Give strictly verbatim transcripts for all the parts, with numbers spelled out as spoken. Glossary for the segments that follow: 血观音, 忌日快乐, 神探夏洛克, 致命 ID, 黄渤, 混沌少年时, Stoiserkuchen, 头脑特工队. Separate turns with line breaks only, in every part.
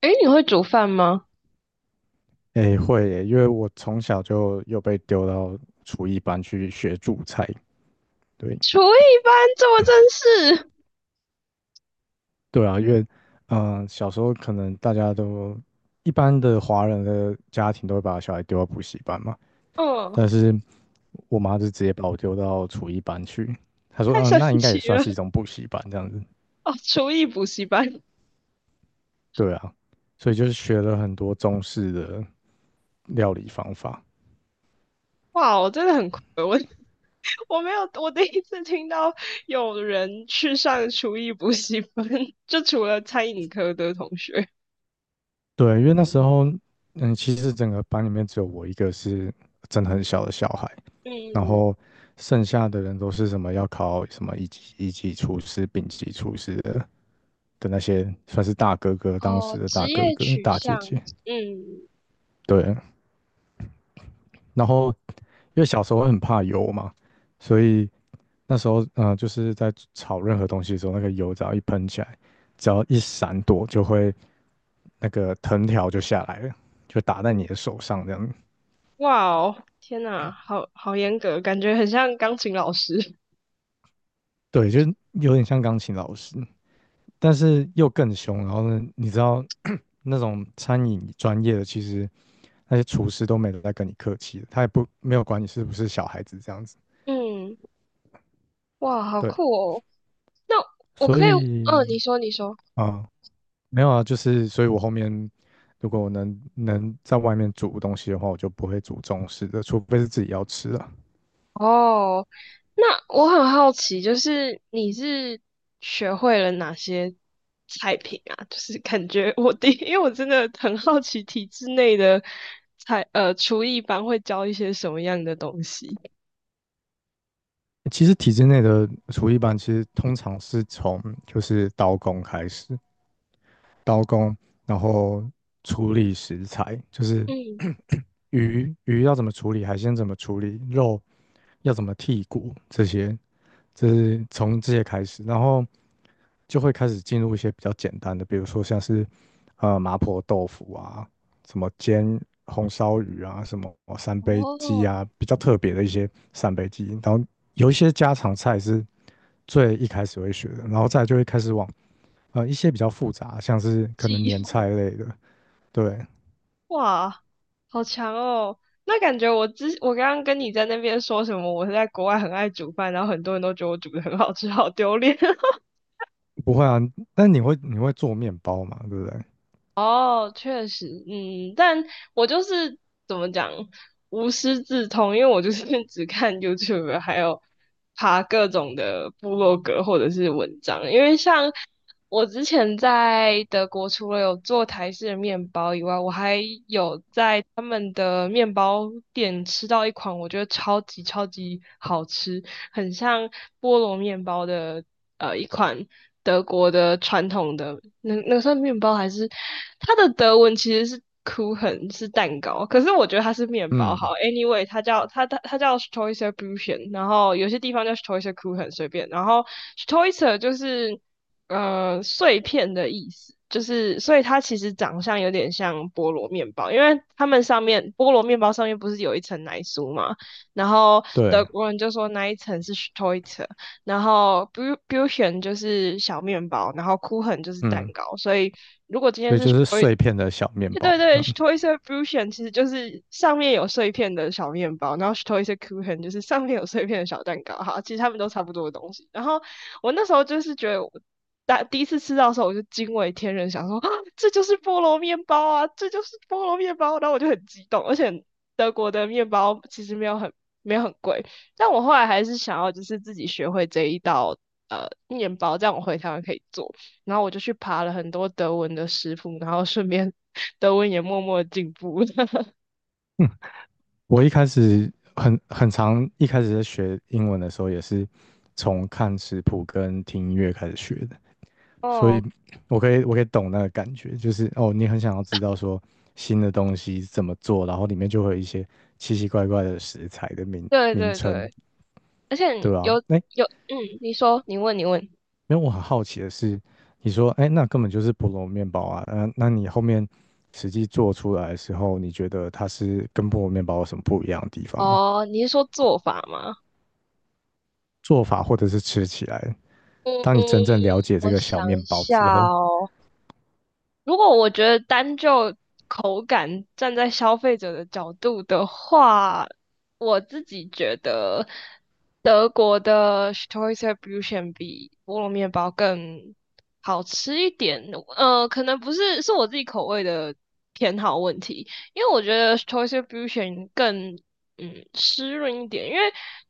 诶，你会煮饭吗？
诶，会耶，因为我从小就又被丢到厨艺班去学煮菜。对。
厨艺班这么正式。
对啊，因为，嗯、呃小时候可能大家都一般的华人的家庭都会把小孩丢到补习班嘛，
嗯。
但是我妈就直接把我丢到厨艺班去。她说，
太
嗯、
神
那应该
奇
也算是一
了
种补习班这样子。
哦！厨艺补习班。
对啊，所以就是学了很多中式的料理方法。
哇，我真的很亏，我我没有，我第一次听到有人去上厨艺补习班，就除了餐饮科的同学。
对，因为那时候，嗯，其实整个班里面只有我一个是真的很小的小孩，然
嗯。
后剩下的人都是什么要考什么一级一级厨师、丙级厨师的的那些，算是大哥哥，当时
哦，
的大
职
哥
业
哥、
取
大姐
向。
姐。
嗯
对，然后因为小时候会很怕油嘛，所以那时候嗯，就是在炒任何东西的时候，那个油只要一喷起来，只要一闪躲就会那个藤条就下来了，就打在
嗯。
你的手上这样。
哇哦，天呐，好好严格，感觉很像钢琴老师。
对，就是有点像钢琴老师。但是又更凶。然后呢，你知道 那种餐饮专业的，其实那些厨师都没有在跟你客气的，他也不没有管你是不是小孩子这样子。
嗯。哇，好
对，
酷哦！那我
所
可以。嗯，
以
你说，你说。
啊、没有啊，就是所以我后面如果我能能在外面煮东西的话，我就不会煮中式的，除非是自己要吃的。
哦，那我很好奇，就是你是学会了哪些菜品啊？就是感觉我第，因为我真的很好奇体制内的菜，呃，厨艺班会教一些什么样的东西。
其实体制内的厨艺班，其实通常是从就是刀工开始，刀工，然后处理食材，就是
嗯。
鱼鱼要怎么处理，海鲜怎么处理，肉要怎么剔骨，这些，这是从这些开始，然后就会开始进入一些比较简单的，比如说像是呃麻婆豆腐啊，什么煎红烧鱼啊，什么三杯鸡
哦，
啊，比较特别的一些三杯鸡，然后有一些家常菜是最一开始会学的，然后再来就会开始往。啊，一些比较复杂，像是可
记
能
忆。
年菜类的，对。
哇，好强哦！那感觉我之我刚刚跟你在那边说什么，我是在国外很爱煮饭，然后很多人都觉得我煮的很好吃，好丢脸。
不会啊，但你会你会做面包嘛，对不对？
哦，确实，嗯，但我就是怎么讲，无师自通，因为我就是 只看 YouTube,还有爬各种的部落格或者是文章。因为像我之前在德国，除了有做台式的面包以外，我还有在他们的面包店吃到一款我觉得超级超级好吃，很像菠萝面包的呃一款德国的传统的那那个算面包还是它的德文其实是 Kuchen 是蛋糕，可是我觉得它是面包好。
嗯，
Anyway,它叫它它它叫 s t o i s e r b u c h e n, 然后有些地方叫 s t o i s e r Kuchen 随便，然后 s t o i s e r 就是呃碎片的意思。就是，所以它其实长相有点像菠萝面包，因为它们上面菠萝面包上面不是有一层奶酥嘛，然后
对。
德国人就说那一层是 s t o i r, 然后 Bu- Bution 就是小面包，然后 Kuchen 就是蛋
嗯，
糕，所以
所以就是碎片的小面
对
包这
对 s
样。
t o i s e r b r u c h e n 其实就是上面有碎片的小面包，然后 s t o i s e r Kuchen 就是上面有碎片的小蛋糕。哈，其实他们都差不多的东西。然后我那时候就是觉得我，大第一次吃到的时候，我就惊为天人，想说，啊，这就是菠萝面包啊，这就是菠萝面包。然后我就很激动，而且德国的面包其实没有很没有很贵，但我后来还是想要就是自己学会这一道。呃，面包这样我回台湾可以做，然后我就去爬了很多德文的食谱，然后顺便德文也默默进步了。
嗯，我一开始很很长，一开始在学英文的时候也是从看食谱跟听音乐开始学的。所
哦，
以我可以我可以懂那个感觉，就是哦，你很想要知道说新的东西怎么做，然后里面就会有一些奇奇怪怪的食材的名
对
名
对
称，
对，而且
对
你
吧、
有
啊？哎，
有，嗯，你说，你问，你问。
因为我很好奇的是，你说哎，那根本就是菠萝面包啊，嗯、那你后面实际做出来的时候，你觉得它是跟菠萝面包有什么不一样的地方吗？
哦，你是说做法吗？
做法或者是吃起来，当你真
嗯，
正了解这
我
个小
想
面
一
包
下。
之后，
哦，如果我觉得单就口感，站在消费者的角度的话，我自己觉得德国的 s t o r s e b u ö t c h e n 比菠萝面包更好吃一点。呃，可能不是是我自己口味的偏好问题，因为我觉得 s t o r s e b u ö t c h e n 更嗯湿润一点，因为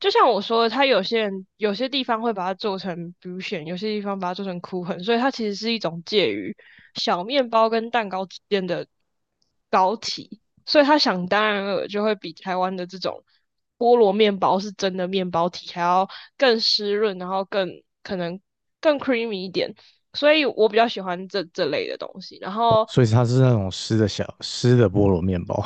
就像我说的，它有些人有些地方会把它做成比 u s, 有些地方把它做成 k u, 所以它其实是一种介于小面包跟蛋糕之间的糕体，所以它想当然了就会比台湾的这种菠萝面包是真的面包体还要更湿润，然后更可能更 creamy 一点，所以我比较喜欢这这类的东西。然
哦
后
所以它是那种湿的小湿的菠萝面包，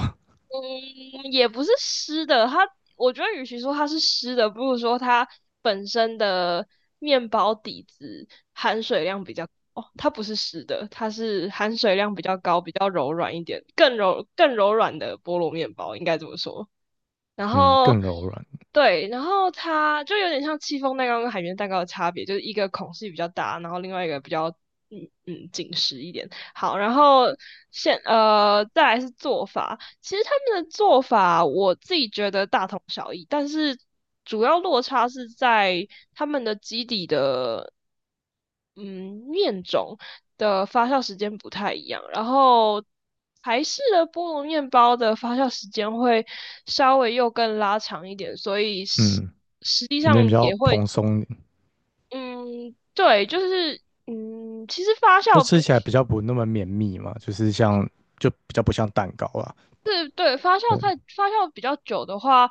嗯，也不是湿的，它我觉得与其说它是湿的，不如说它本身的面包底子含水量比较，哦，它不是湿的，它是含水量比较高、比较柔软一点，更柔更柔软的菠萝面包，应该这么说。然
嗯，
后
更柔软。
对，然后它就有点像戚风蛋糕跟海绵蛋糕的差别，就是一个孔隙比较大，然后另外一个比较嗯嗯紧实一点。好，然后现呃再来是做法，其实他们的做法我自己觉得大同小异，但是主要落差是在他们的基底的嗯面种的发酵时间不太一样，然后台式的菠萝面包的发酵时间会稍微又更拉长一点，所以实
嗯。
实际
里
上
面比较
也会，
蓬松，
嗯，对，就是，嗯，其实发
就
酵
吃
不
起来比较不那么绵密嘛，就是像就比较不像蛋糕啦。
是，对，发酵
对。
太发酵比较久的话，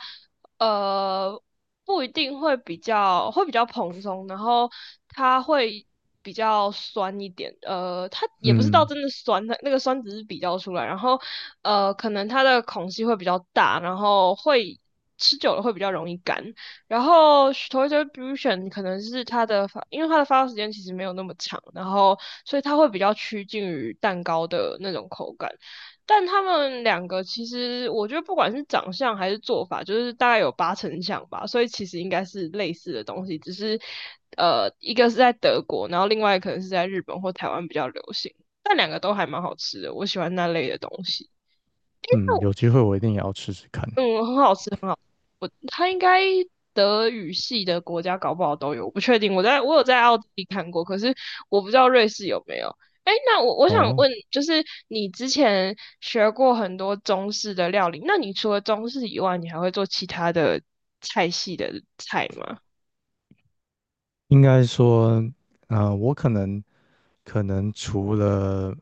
呃，不一定会比较会比较蓬松，然后它会比较酸一点，呃，它也不是到
嗯
真的酸，它那个酸只是比较出来，然后呃，可能它的孔隙会比较大，然后会吃久了会比较容易干，然后 s t o r a u s i o n 可能是它的发，因为它的发酵时间其实没有那么长，然后所以它会比较趋近于蛋糕的那种口感。但他们两个其实我觉得不管是长相还是做法，就是大概有八成像吧，所以其实应该是类似的东西，只是呃一个是在德国，然后另外可能是在日本或台湾比较流行，但两个都还蛮好吃的，我喜欢那类的东西。
嗯，有机会我一定也要吃吃看。
嗯，很好吃，很好吃。我它应该德语系的国家搞不好都有，我不确定。我在我有在奥地利看过，可是我不知道瑞士有没有。哎，那我我想
哦，
问，就是你之前学过很多中式的料理，那你除了中式以外，你还会做其他的菜系的菜吗？
应该说，呃，我可能可能除了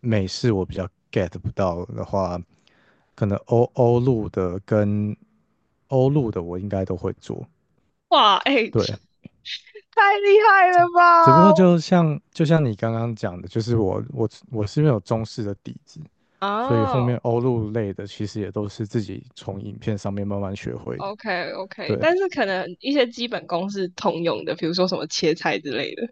美式我比较 get 不到的话，可能欧欧陆的跟欧陆的我应该都会做。
哇，哎。
对，
太厉害了
只不过
吧！
就像就像你刚刚讲的，就是我我我是因为有中式的底子，所以后
啊，
面欧陆类的其实也都是自己从影片上面慢慢学会的。
o k OK，
对，
但是可能一些基本功是通用的，比如说什么切菜之类的。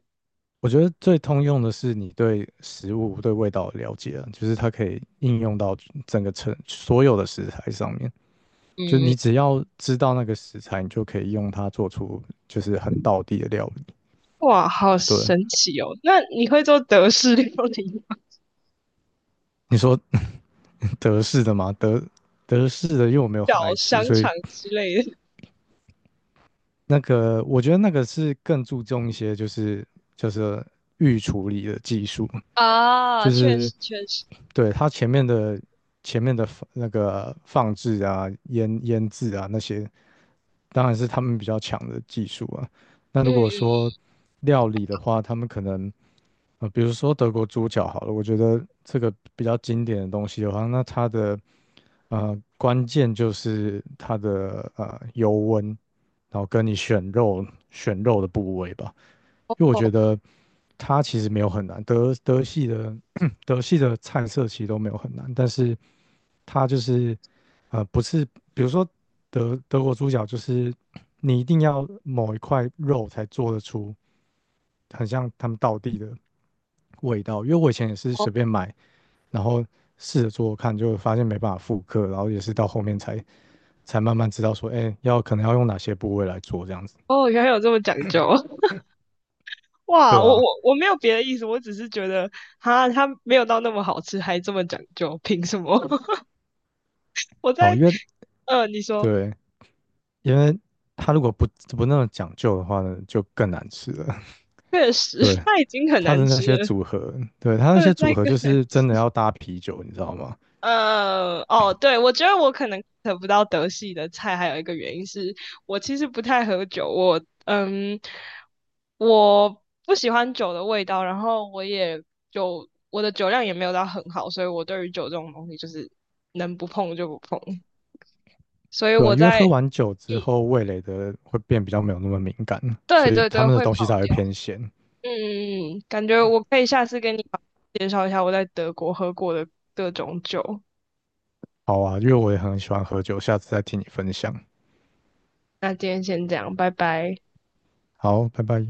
我觉得最通用的是你对食物、对味道的了解啊就是它可以应用到整个成所有的食材上面。就是
嗯
你只要知道那个食材，你就可以用它做出就是很道地的料理。
哇，好
对，
神奇哦！那你会做德式料理吗？
你说 德式的吗？德德式的，因为我没有
小
很爱吃，
香
所以
肠之类的。
那个，我觉得那个是更注重一些，就是就是预处理的技术，
啊，
就
确
是
实确实。
对它前面的前面的放那个放置啊、腌腌制啊那些，当然是他们比较强的技术啊。那如果
嗯。
说料理的话，他们可能呃，比如说德国猪脚好了，我觉得这个比较经典的东西的话，那它的呃关键就是它的呃油温，然后跟你选肉选肉的部位吧。因为我觉
哦
得它其实没有很难，德德系的 德系的菜色其实都没有很难，但是它就是呃不是，比如说德德国猪脚，就是你一定要某一块肉才做得出很像他们道地的味道，因为我以前也是
哦
随便买，然后试着做做看，就发现没办法复刻，然后也是到后面才才慢慢知道说，哎，要可能要用哪些部位来做这样子。
哦，原来有这么讲究！哇，
对
我我
啊。
我没有别的意思，我只是觉得哈，它没有到那么好吃，还这么讲究，凭什么？我
哦，
在
因为
呃，你说，
对因为它如果不不那么讲究的话呢，就更难吃了。
确 实。
对，
它已经很
它
难
的那
吃
些
了，
组合，对，它那
不能
些组
再
合
更
就
难
是
吃。
真的要搭啤酒，你知道吗？
呃，哦，对，我觉得我可能得不到德系的菜，还有一个原因是我其实不太喝酒，我嗯，我不喜欢酒的味道，然后我也酒，我的酒量也没有到很好，所以我对于酒这种东西就是能不碰就不碰，所以
对啊，
我
因为
在，
喝完酒
嗯，
之后，味蕾的会变比较没有那么敏感，
对
所以
对
他
对，
们的
会跑
东西才会
掉。
偏咸。
嗯嗯嗯，感觉我可以下次跟你介绍一下我在德国喝过的各种酒，
好啊，因为我也很喜欢喝酒，下次再听你分享。
那今天先这样，拜拜。
好，拜拜。